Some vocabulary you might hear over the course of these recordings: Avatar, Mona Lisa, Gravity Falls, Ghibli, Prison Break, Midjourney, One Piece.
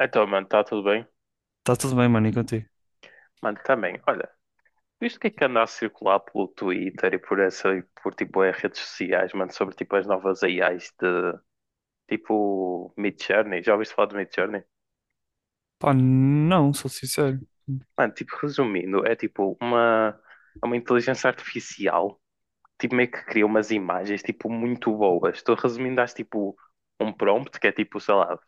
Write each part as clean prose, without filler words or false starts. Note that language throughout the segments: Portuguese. Então, mano, está tudo bem? Tá tudo bem, mano, e contigo? Mano, também, olha, visto o que é que anda a circular pelo Twitter e por tipo as redes sociais, mano, sobre tipo as novas AIs de tipo Midjourney, já ouviste falar de Midjourney? Pá, não, sou sincero. Mano, tipo, resumindo, é uma inteligência artificial, tipo meio que cria umas imagens tipo muito boas. Estou resumindo, às tipo um prompt que é tipo, sei lá,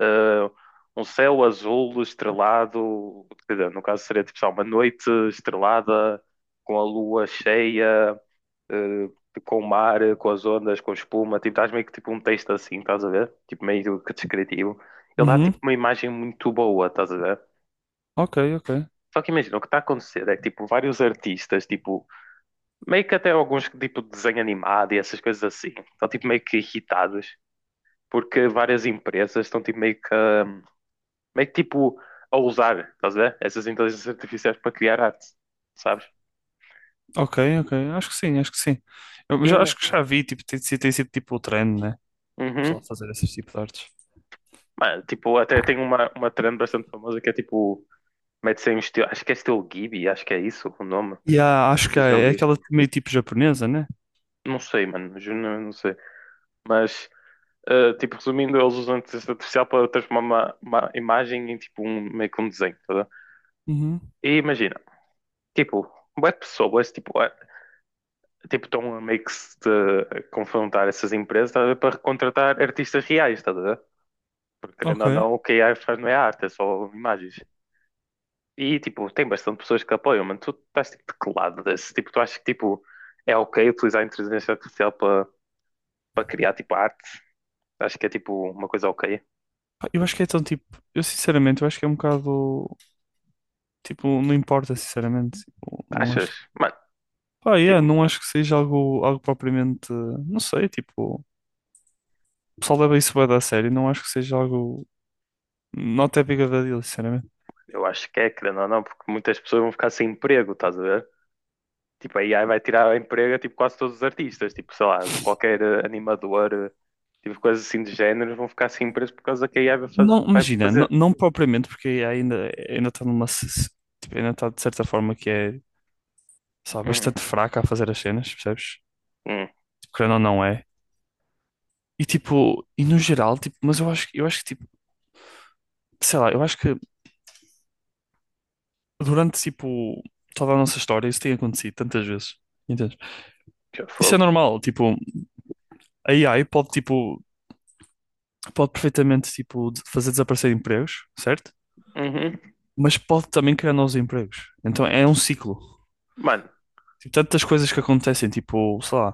eh, um céu azul estrelado, quer dizer, no caso seria tipo só uma noite estrelada com a lua cheia, eh, com o mar, com as ondas, com espuma, tipo, estás meio que tipo um texto assim, estás a ver? Tipo meio que descritivo. Ele dá Uhum, tipo uma imagem muito boa, estás a ver? ok, ok. Só que imagina, o que está a acontecer é que tipo vários artistas, tipo, meio que até alguns que, tipo de desenho animado e essas coisas assim, estão tipo meio que irritados porque várias empresas estão tipo meio que a usar, estás a ver? Essas inteligências artificiais para criar arte, sabes? Ok, ok. Acho que sim, acho que sim. Eu E, já, acho man, que já vi, tipo, tem sido tipo o trend, né? O uhum. pessoal fazer esses tipos de artes. Mano, tipo, até tem uma trend bastante famosa que é tipo, mete-se em estilo, acho que é estilo Ghibli, acho que é isso o nome. E há, Não acho que sei há, se já é ouviste. aquela meio tipo japonesa, né? Não sei, mano, juro, não sei. Mas, tipo, resumindo, eles usam a inteligência artificial para transformar uma imagem em tipo um, meio que um desenho, tá a ver? Uhum, E imagina, tipo, bué de pessoas, tipo, tipo, estão a meio que se confrontar essas empresas, tá a ver, para contratar artistas reais, tá a ver? Porque querendo ou ok. não, o que a AI faz não é arte, é só imagens. E tipo, tem bastante pessoas que apoiam, mano. Tu estás tipo de que lado desse? Tipo, tu achas que tipo, é ok utilizar a inteligência artificial para criar tipo arte? Acho que é tipo uma coisa ok. Pá, eu acho que é tão tipo. Eu sinceramente, eu acho que é um bocado. Tipo, não importa, sinceramente. Tipo, não Achas? acho que. Mano, Pá, yeah, tipo, não acho que seja algo, propriamente. Não sei, tipo. O pessoal leva isso bem a sério. Não acho que seja algo. Not that big of a deal, sinceramente. eu acho que é, querendo ou não, porque muitas pessoas vão ficar sem emprego, estás a ver? Tipo, a AI vai tirar o emprego a tipo, quase todos os artistas, tipo, sei lá, qualquer animador, tipo, coisas assim de género, vão ficar sem emprego por causa que a AI Não, vai imagina, não, fazer. não propriamente, porque ainda está numa. Tipo, ainda está de certa forma que é, sabe, Uhum. bastante fraca a fazer as cenas, percebes? Hum, Tipo, querendo ou não é. E tipo, e no geral, tipo, mas eu acho que, tipo, sei lá, eu acho que durante, tipo, toda a nossa história isso tem acontecido tantas vezes, entendes? já Isso é fogo. normal, tipo, a AI pode, tipo, pode perfeitamente, tipo, fazer desaparecer empregos, certo? Uhum. Mas pode também criar novos empregos. Então é um ciclo. Mano, Tipo, tantas coisas que acontecem, tipo, sei lá.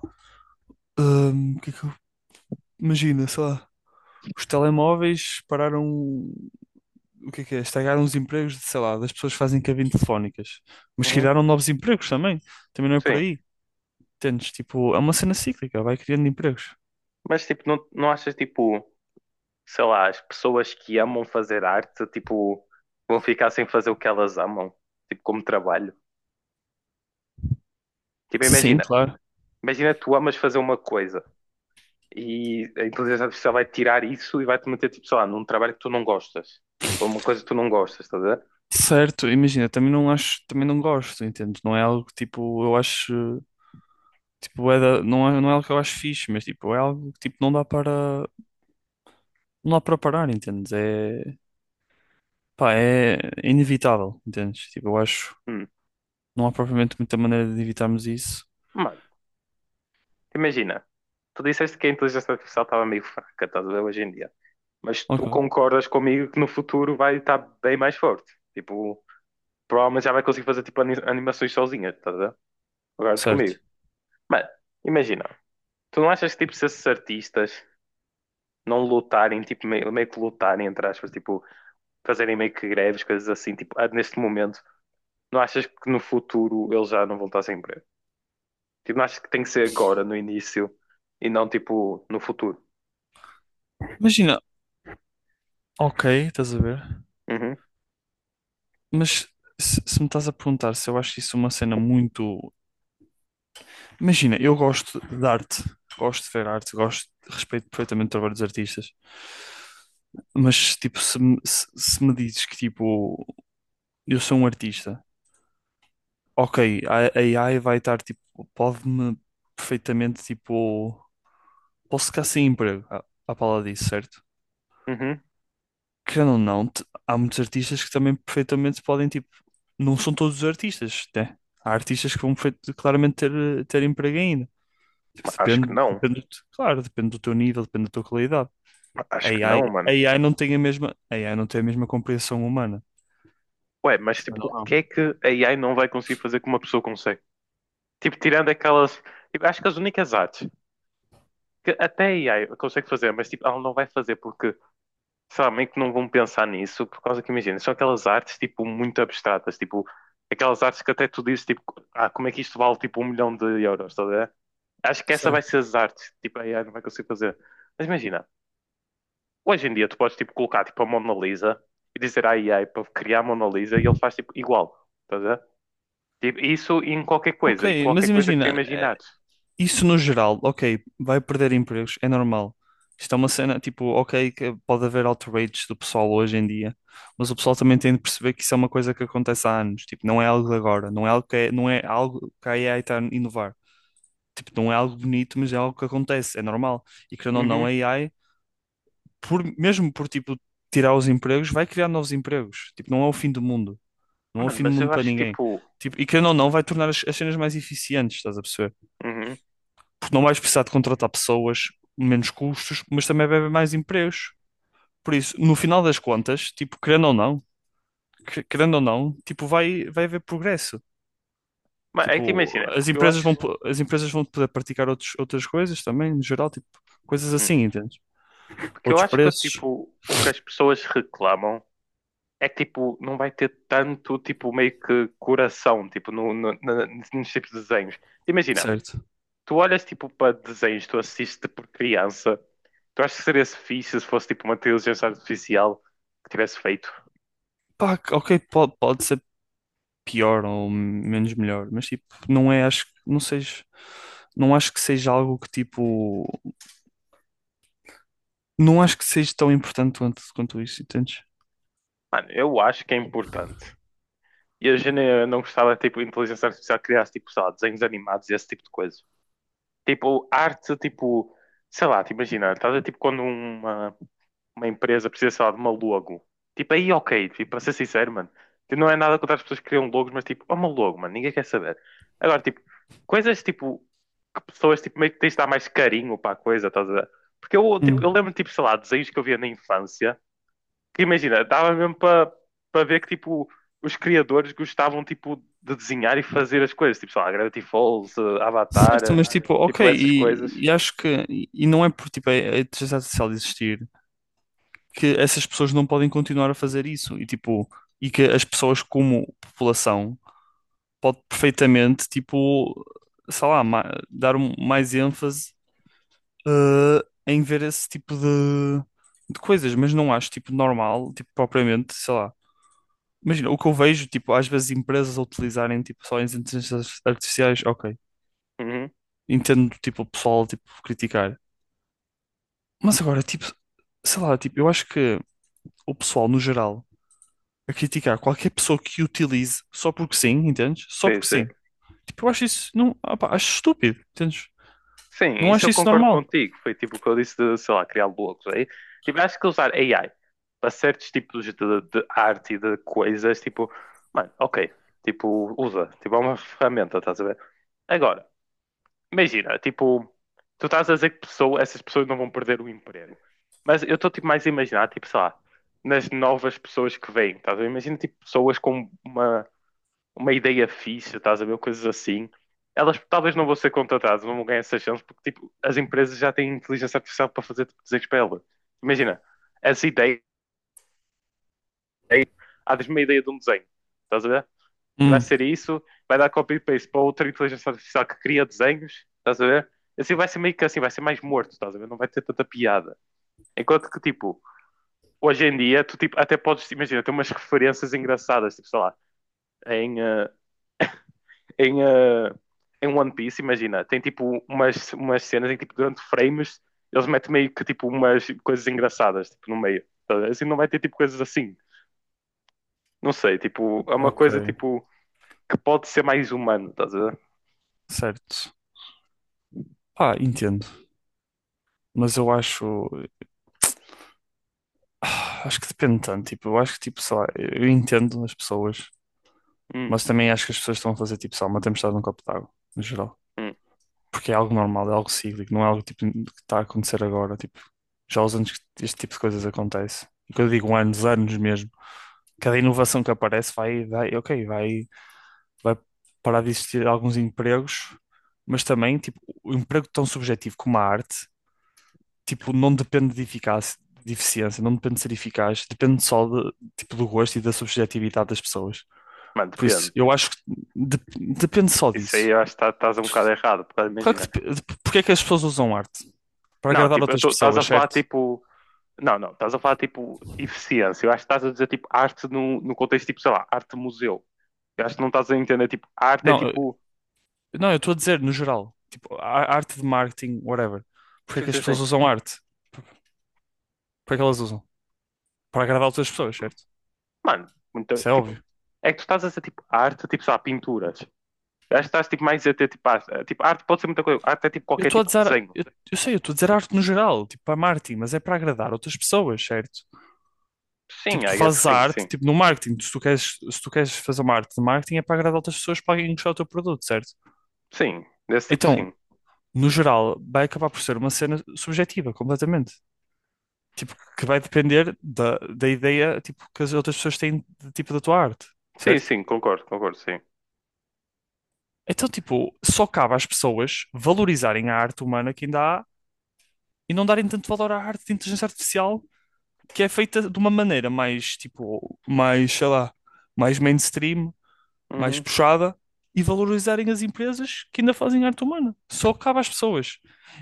O que é que eu... Imagina, sei lá, os telemóveis pararam, o que é que é? Estragaram os empregos, de, sei lá, das pessoas que fazem cabine telefónicas, mas uhum, criaram novos empregos também, também não é por sim. aí, entendes? Tipo, é uma cena cíclica, vai criando empregos. Mas tipo, não, não achas tipo, sei lá, as pessoas que amam fazer arte, tipo, vão ficar sem fazer o que elas amam, tipo, como trabalho? Tipo, Sim, imagina, claro. imagina tu amas fazer uma coisa e a inteligência artificial vai tirar isso e vai-te meter, tipo, sei lá, num trabalho que tu não gostas, ou uma coisa que tu não gostas, estás a ver? Certo, imagina, também não acho, também não gosto, entendes? Não é algo que, tipo, eu acho, tipo, não é algo que eu acho fixe, mas tipo, é algo que tipo, não dá para parar, entendes? É, pá, é inevitável, entendes? Tipo, eu acho. Hum. Não há propriamente muita maneira de evitarmos isso. Mano, imagina, tu disseste que a inteligência artificial estava meio fraca, estás a ver, hoje em dia, mas tu Ok, concordas comigo que no futuro vai estar bem mais forte, tipo, provavelmente já vai conseguir fazer tipo animações sozinha, estás a ver? Concordas certo. comigo? Mas, imagina, tu não achas que tipo se esses artistas não lutarem, tipo meio que lutarem, entre aspas, tipo fazerem meio que greves, coisas assim, tipo, ah, neste momento, não achas que no futuro eles já não vão estar sem emprego? Tipo, não achas que tem que ser agora, no início, e não tipo no futuro? Imagina, ok, estás a ver? Uhum, Mas se me estás a perguntar se eu acho isso uma cena muito. Imagina, eu gosto de arte, gosto de ver arte, gosto, respeito perfeitamente o trabalho dos artistas. Mas, tipo, se me dizes que, tipo, eu sou um artista, ok, a AI vai estar, tipo, pode-me perfeitamente, tipo, posso ficar sem emprego à pala disso, certo? uhum. Querendo ou não, há muitos artistas que também perfeitamente podem, tipo, não são todos os artistas, né? Há artistas que vão claramente ter, ter emprego ainda. Tipo, Acho que depende, não, depende, claro, depende do teu nível, depende da tua qualidade. Acho que não, A mano. AI não tem a mesma, a AI não tem a mesma compreensão humana. Ué, mas tipo, Querendo ou o que não. é que a AI não vai conseguir fazer que uma pessoa consegue? Tipo, tirando aquelas, tipo, acho que as únicas artes que até a AI consegue fazer, mas tipo, ela não vai fazer porque sabem que não vão pensar nisso, por causa que imagina, são aquelas artes tipo muito abstratas, tipo, aquelas artes que até tu dizes tipo, ah, como é que isto vale tipo um milhão de euros, tá a ver? Acho que essa vai Certo. ser as artes, tipo, a AI não vai conseguir fazer. Mas imagina, hoje em dia tu podes tipo colocar tipo a Mona Lisa e dizer à AI para criar a Mona Lisa e ele faz tipo igual, tá a ver? Tipo, isso em qualquer Ok, coisa, e qualquer mas coisa que tu imagina, imaginares. isso no geral, ok, vai perder empregos, é normal. Isto é uma cena, tipo, ok, que pode haver outrage do pessoal hoje em dia, mas o pessoal também tem de perceber que isso é uma coisa que acontece há anos, tipo, não é algo de agora, não é algo que é, não é algo que a AI está a inovar. Tipo, não é algo bonito, mas é algo que acontece, é normal. E querendo ou não, a Uhum. AI, por, mesmo por, tipo, tirar os empregos, vai criar novos empregos. Tipo, não é o fim do mundo, não é o Mano, fim do mas mundo eu para acho ninguém. tipo. Tipo, e querendo ou não, vai tornar as cenas mais eficientes, estás a perceber? Uhum. Porque não vais precisar de contratar pessoas, menos custos, mas também vai haver mais empregos. Por isso, no final das contas, tipo, querendo ou não, querendo ou não, tipo, vai haver progresso. Mas aí te Tipo, imagina, as porque eu empresas vão, acho. po- as empresas vão poder praticar outros, outras coisas também, no geral, tipo, coisas Hum. assim, entende? Porque eu Outros acho que, preços, tipo, o que as pessoas reclamam é que, tipo, não vai ter tanto, tipo, meio que coração, tipo, no, no, na- nos tipos de desenhos. Imagina, certo? tu olhas, tipo, para desenhos que tu assistes tipo, por criança. Tu achas que seria -se fixe se fosse tipo uma inteligência artificial que tivesse feito? Pá, ok, pode ser pior ou menos melhor, mas tipo, não é, acho, não seja, não acho que seja algo que tipo, não acho que seja tão importante quanto isso, entendes? Mano, eu acho que é importante. E a gente não gostava, tipo, de inteligência artificial que criasse, tipo, sei lá, desenhos animados e esse tipo de coisa. Tipo, arte, tipo, sei lá, te imagina, estás a ver, tipo, quando uma empresa precisa, sei lá, de uma logo. Tipo, aí ok, tipo, para ser sincero, mano. Tipo, não é nada contra as pessoas que criam logos, mas tipo, é uma logo, mano, ninguém quer saber. Agora, tipo, coisas tipo, que pessoas tipo, meio que tens de dar mais carinho para a coisa, estás a ver? Porque eu, tipo, Hum. eu lembro, tipo, sei lá, desenhos que eu via na infância, que imagina, dava mesmo para ver que, tipo, os criadores gostavam, tipo, de desenhar e fazer as coisas. Tipo, sei lá, Gravity Falls, Avatar, Certo, mas tipo, ok, tipo, essas coisas. e acho que e não é por tipo a inteligência artificial existir que essas pessoas não podem continuar a fazer isso e tipo e que as pessoas como população pode perfeitamente tipo sei lá dar mais ênfase, eh, em ver esse tipo de coisas, mas não acho tipo normal tipo propriamente sei lá. Imagina, o que eu vejo, tipo, às vezes empresas a utilizarem, tipo, só as inteligências artificiais, ok, Uhum. entendo, tipo, o pessoal, tipo, criticar. Mas agora, tipo, sei lá, tipo, eu acho que o pessoal, no geral, a criticar qualquer pessoa que utilize só porque sim, entendes? Só Sim, porque sim. sim. Tipo, eu acho isso, não, opá, acho estúpido, entendes? Sim, Não isso acho eu isso concordo normal. contigo. Foi tipo o que eu disse de, sei lá, criar blocos aí. Tipo, acho que usar AI para certos tipos de arte e de coisas, tipo, mano, ok, tipo, usa, tipo, é uma ferramenta, estás a ver? Agora, imagina, tipo, tu estás a dizer que pessoa, essas pessoas não vão perder o emprego. Mas eu estou tipo mais a imaginar, tipo, sei lá, nas novas pessoas que vêm, estás a ver? Imagina tipo pessoas com uma ideia fixe, estás a ver? Coisas assim. Elas talvez não vão ser contratadas, não vão ganhar essa chance, porque tipo, as empresas já têm inteligência artificial para fazer tipo, desenhos para elas. Imagina, essa ideia, há uma ideia de um desenho, estás a ver? E vai Hum, ser isso, vai dar copy e paste para outra inteligência artificial que cria desenhos, estás a ver? Assim vai ser meio que assim, vai ser mais morto, estás a ver? Não vai ter tanta piada. Enquanto que, tipo, hoje em dia, tu tipo, até podes, imagina, ter umas referências engraçadas, tipo, sei lá, em, eh, em, uh, em One Piece, imagina, tem tipo umas cenas em que tipo, durante frames eles metem meio que tipo umas coisas engraçadas tipo, no meio. Tá? Assim não vai ter tipo coisas assim. Não sei, tipo, é uma ok, coisa tipo que pode ser mais humano, estás a ver? certo. Pá, entendo. Mas eu acho que depende tanto, tipo, eu acho que, tipo, sei lá, eu entendo as pessoas, Hum, mas também acho que as pessoas estão a fazer, tipo, sei lá, uma tempestade num copo d'água, no geral. hum. Porque é algo normal, é algo cíclico, não é algo tipo, que está a acontecer agora. Tipo, já há os anos que este tipo de coisas acontece. E quando eu digo anos, anos mesmo, cada inovação que aparece vai parar de existir alguns empregos, mas também, tipo, o emprego tão subjetivo como a arte, tipo, não depende de eficácia, de eficiência, não depende de ser eficaz, depende só de, tipo, do gosto e da subjetividade das pessoas. Mano, Por isso, depende. eu acho que de- depende só Isso aí disso. eu acho que estás um bocado errado, porque Claro que imagina. Porque é que as pessoas usam arte? Para Não, agradar tipo, outras estás a pessoas, falar certo? tipo. Não, não, estás a falar tipo eficiência. Eu acho que estás a dizer tipo arte no contexto tipo, sei lá, arte museu. Eu acho que não estás a entender, tipo, arte é Não, tipo. não, eu estou a dizer no geral, tipo, arte de marketing, whatever. Porque é Sim, que as sim, sim. pessoas usam arte? Para que elas usam? Para agradar outras pessoas, certo? Mano, muito, Isso é tipo, óbvio. é que tu estás a dizer tipo arte, tipo, sei lá, pinturas. Eu acho que estás tipo mais a ter tipo arte. Tipo, arte pode ser muita coisa. Arte é tipo Eu qualquer estou a tipo de dizer, desenho. eu sei, eu estou a dizer arte no geral, tipo, para marketing, mas é para agradar outras pessoas, certo? Tipo, Sim, tu I guess que fazes a sim, arte, sim. tipo, no marketing, se tu queres fazer uma arte de marketing é para agradar outras pessoas para alguém gostar do teu produto, certo? Sim, desse tipo Então, sim. no geral, vai acabar por ser uma cena subjetiva, completamente. Tipo, que vai depender da ideia, tipo, que as outras pessoas têm de, tipo, da tua arte, Sim, certo? sim, concordo, concordo, sim. Então, tipo, só cabe às pessoas valorizarem a arte humana que ainda há e não darem tanto valor à arte de inteligência artificial que é feita de uma maneira mais, tipo, mais, sei lá, mais mainstream, mais Uhum. puxada e valorizarem as empresas que ainda fazem arte humana. Só cabe às pessoas.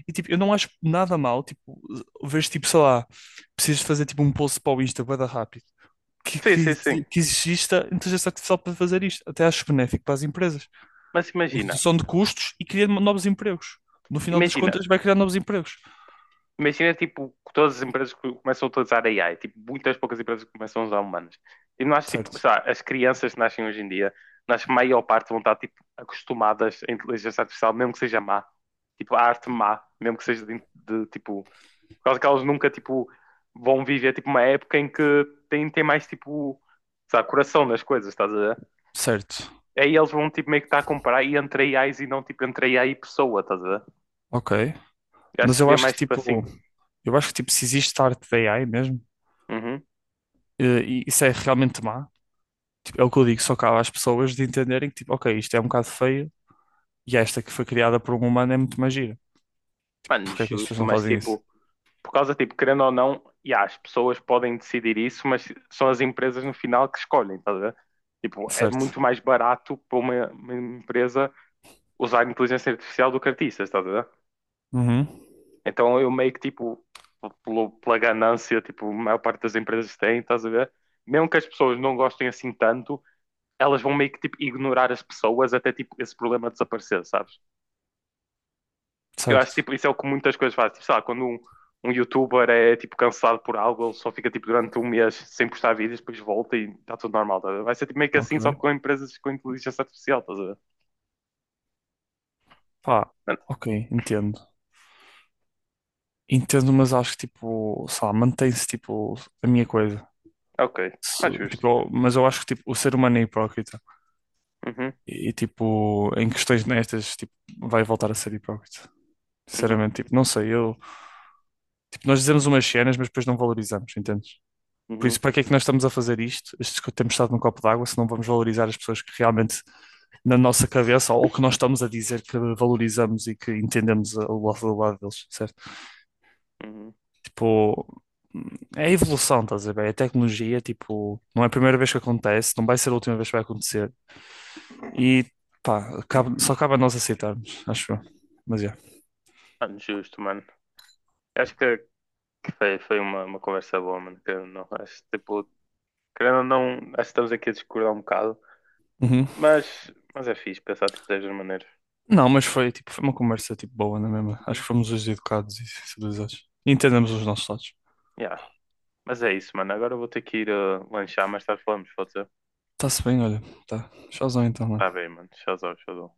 E, tipo, eu não acho nada mal, tipo, vês tipo, sei lá, precisas fazer, tipo, um post para o Insta, bué da rápido que, Sim, sim, que, sim. que exista inteligência artificial para fazer isto. Até acho benéfico para as empresas. Mas Em imagina, redução de custos e criar novos empregos. No final das imagina, contas, vai criar novos empregos. imagina, tipo, que todas as empresas que começam a utilizar AI, tipo, muitas poucas empresas que começam a usar humanos. E não acho, tipo, Certo, sei lá, as crianças que nascem hoje em dia, não acho que a maior parte vão estar, tipo, acostumadas à inteligência artificial, mesmo que seja má. Tipo, a arte má, mesmo que seja tipo, por causa que elas nunca, tipo, vão viver, tipo, uma época em que tem mais, tipo, sei lá, coração nas coisas, estás a ver? certo, Aí eles vão, tipo, meio que estar a comparar e entre AIs e não, tipo, entre AI e pessoa, estás a ver? ok. Eu acho Mas que eu seria acho que mais, tipo, assim. tipo, eu acho que tipo, se existe arte da AI mesmo, Uhum. E isso é realmente má. Tipo, é o que eu digo, só cabe às pessoas de entenderem que tipo, ok, isto é um bocado feio e esta que foi criada por um humano é muito mais gira. Mano, Porque é que as pessoas justo, não mas, fazem isso? tipo... Por causa, tipo, querendo ou não, e as pessoas podem decidir isso, mas são as empresas no final que escolhem, estás a ver? Tipo, é muito Certo. mais barato para uma empresa usar inteligência artificial do que artistas, estás a ver? Uhum. Então eu meio que, tipo, pela ganância, tipo, a maior parte das empresas tem, estás a ver? Mesmo que as pessoas não gostem assim tanto, elas vão meio que, tipo, ignorar as pessoas até, tipo, esse problema desaparecer, sabes? Eu acho que Certo. tipo, isso é o que muitas coisas fazem. Tipo, sei lá, quando um youtuber é tipo cancelado por algo, ele só fica tipo durante um mês sem postar vídeos, depois volta e está tudo normal, tá a ver? Vai ser tipo, meio que assim, só que Ok. com empresas com inteligência artificial, estás a ver? Pá, Mano, ok, entendo. Entendo, mas acho que tipo, sei lá, mantém-se tipo a minha coisa. é ok, mais Tipo, justo. Mas eu acho que tipo, o ser humano é hipócrita Uhum, e, tipo, em questões nestas, tipo, vai voltar a ser hipócrita. uhum, Sinceramente, tipo, não sei, eu, tipo, nós dizemos umas cenas, mas depois não valorizamos, entendes? Por isso, uhum, para que é que nós estamos a fazer isto? Estes que temos estado num copo d'água, se não vamos valorizar as pessoas que realmente na nossa cabeça ou, que nós estamos a dizer que valorizamos e que entendemos o lado deles, certo? uhum. Tipo, é a evolução, estás a ver? É a tecnologia, tipo, não é a primeira vez que acontece, não vai ser a última vez que vai acontecer. E pá, só cabe a nós aceitarmos, acho eu. Mas é. Mano, justo, mano. Acho que foi, foi uma conversa boa, mano. Que eu não, acho, tipo, querendo ou não, acho que estamos aqui a discordar um bocado, Uhum. Mas é fixe pensar tipo, destas maneiras. Não, mas foi uma conversa tipo boa, não é mesmo? Acho Uhum. que fomos os educados e civilizados. E entendemos os nossos lados. Yeah. Mas é isso, mano. Agora eu vou ter que ir lanchar, mais tarde falamos, pode ser? Está-se bem, olha. Tá. Tchauzão então, Está mano. bem, mano. Tchauzão, tchauzão.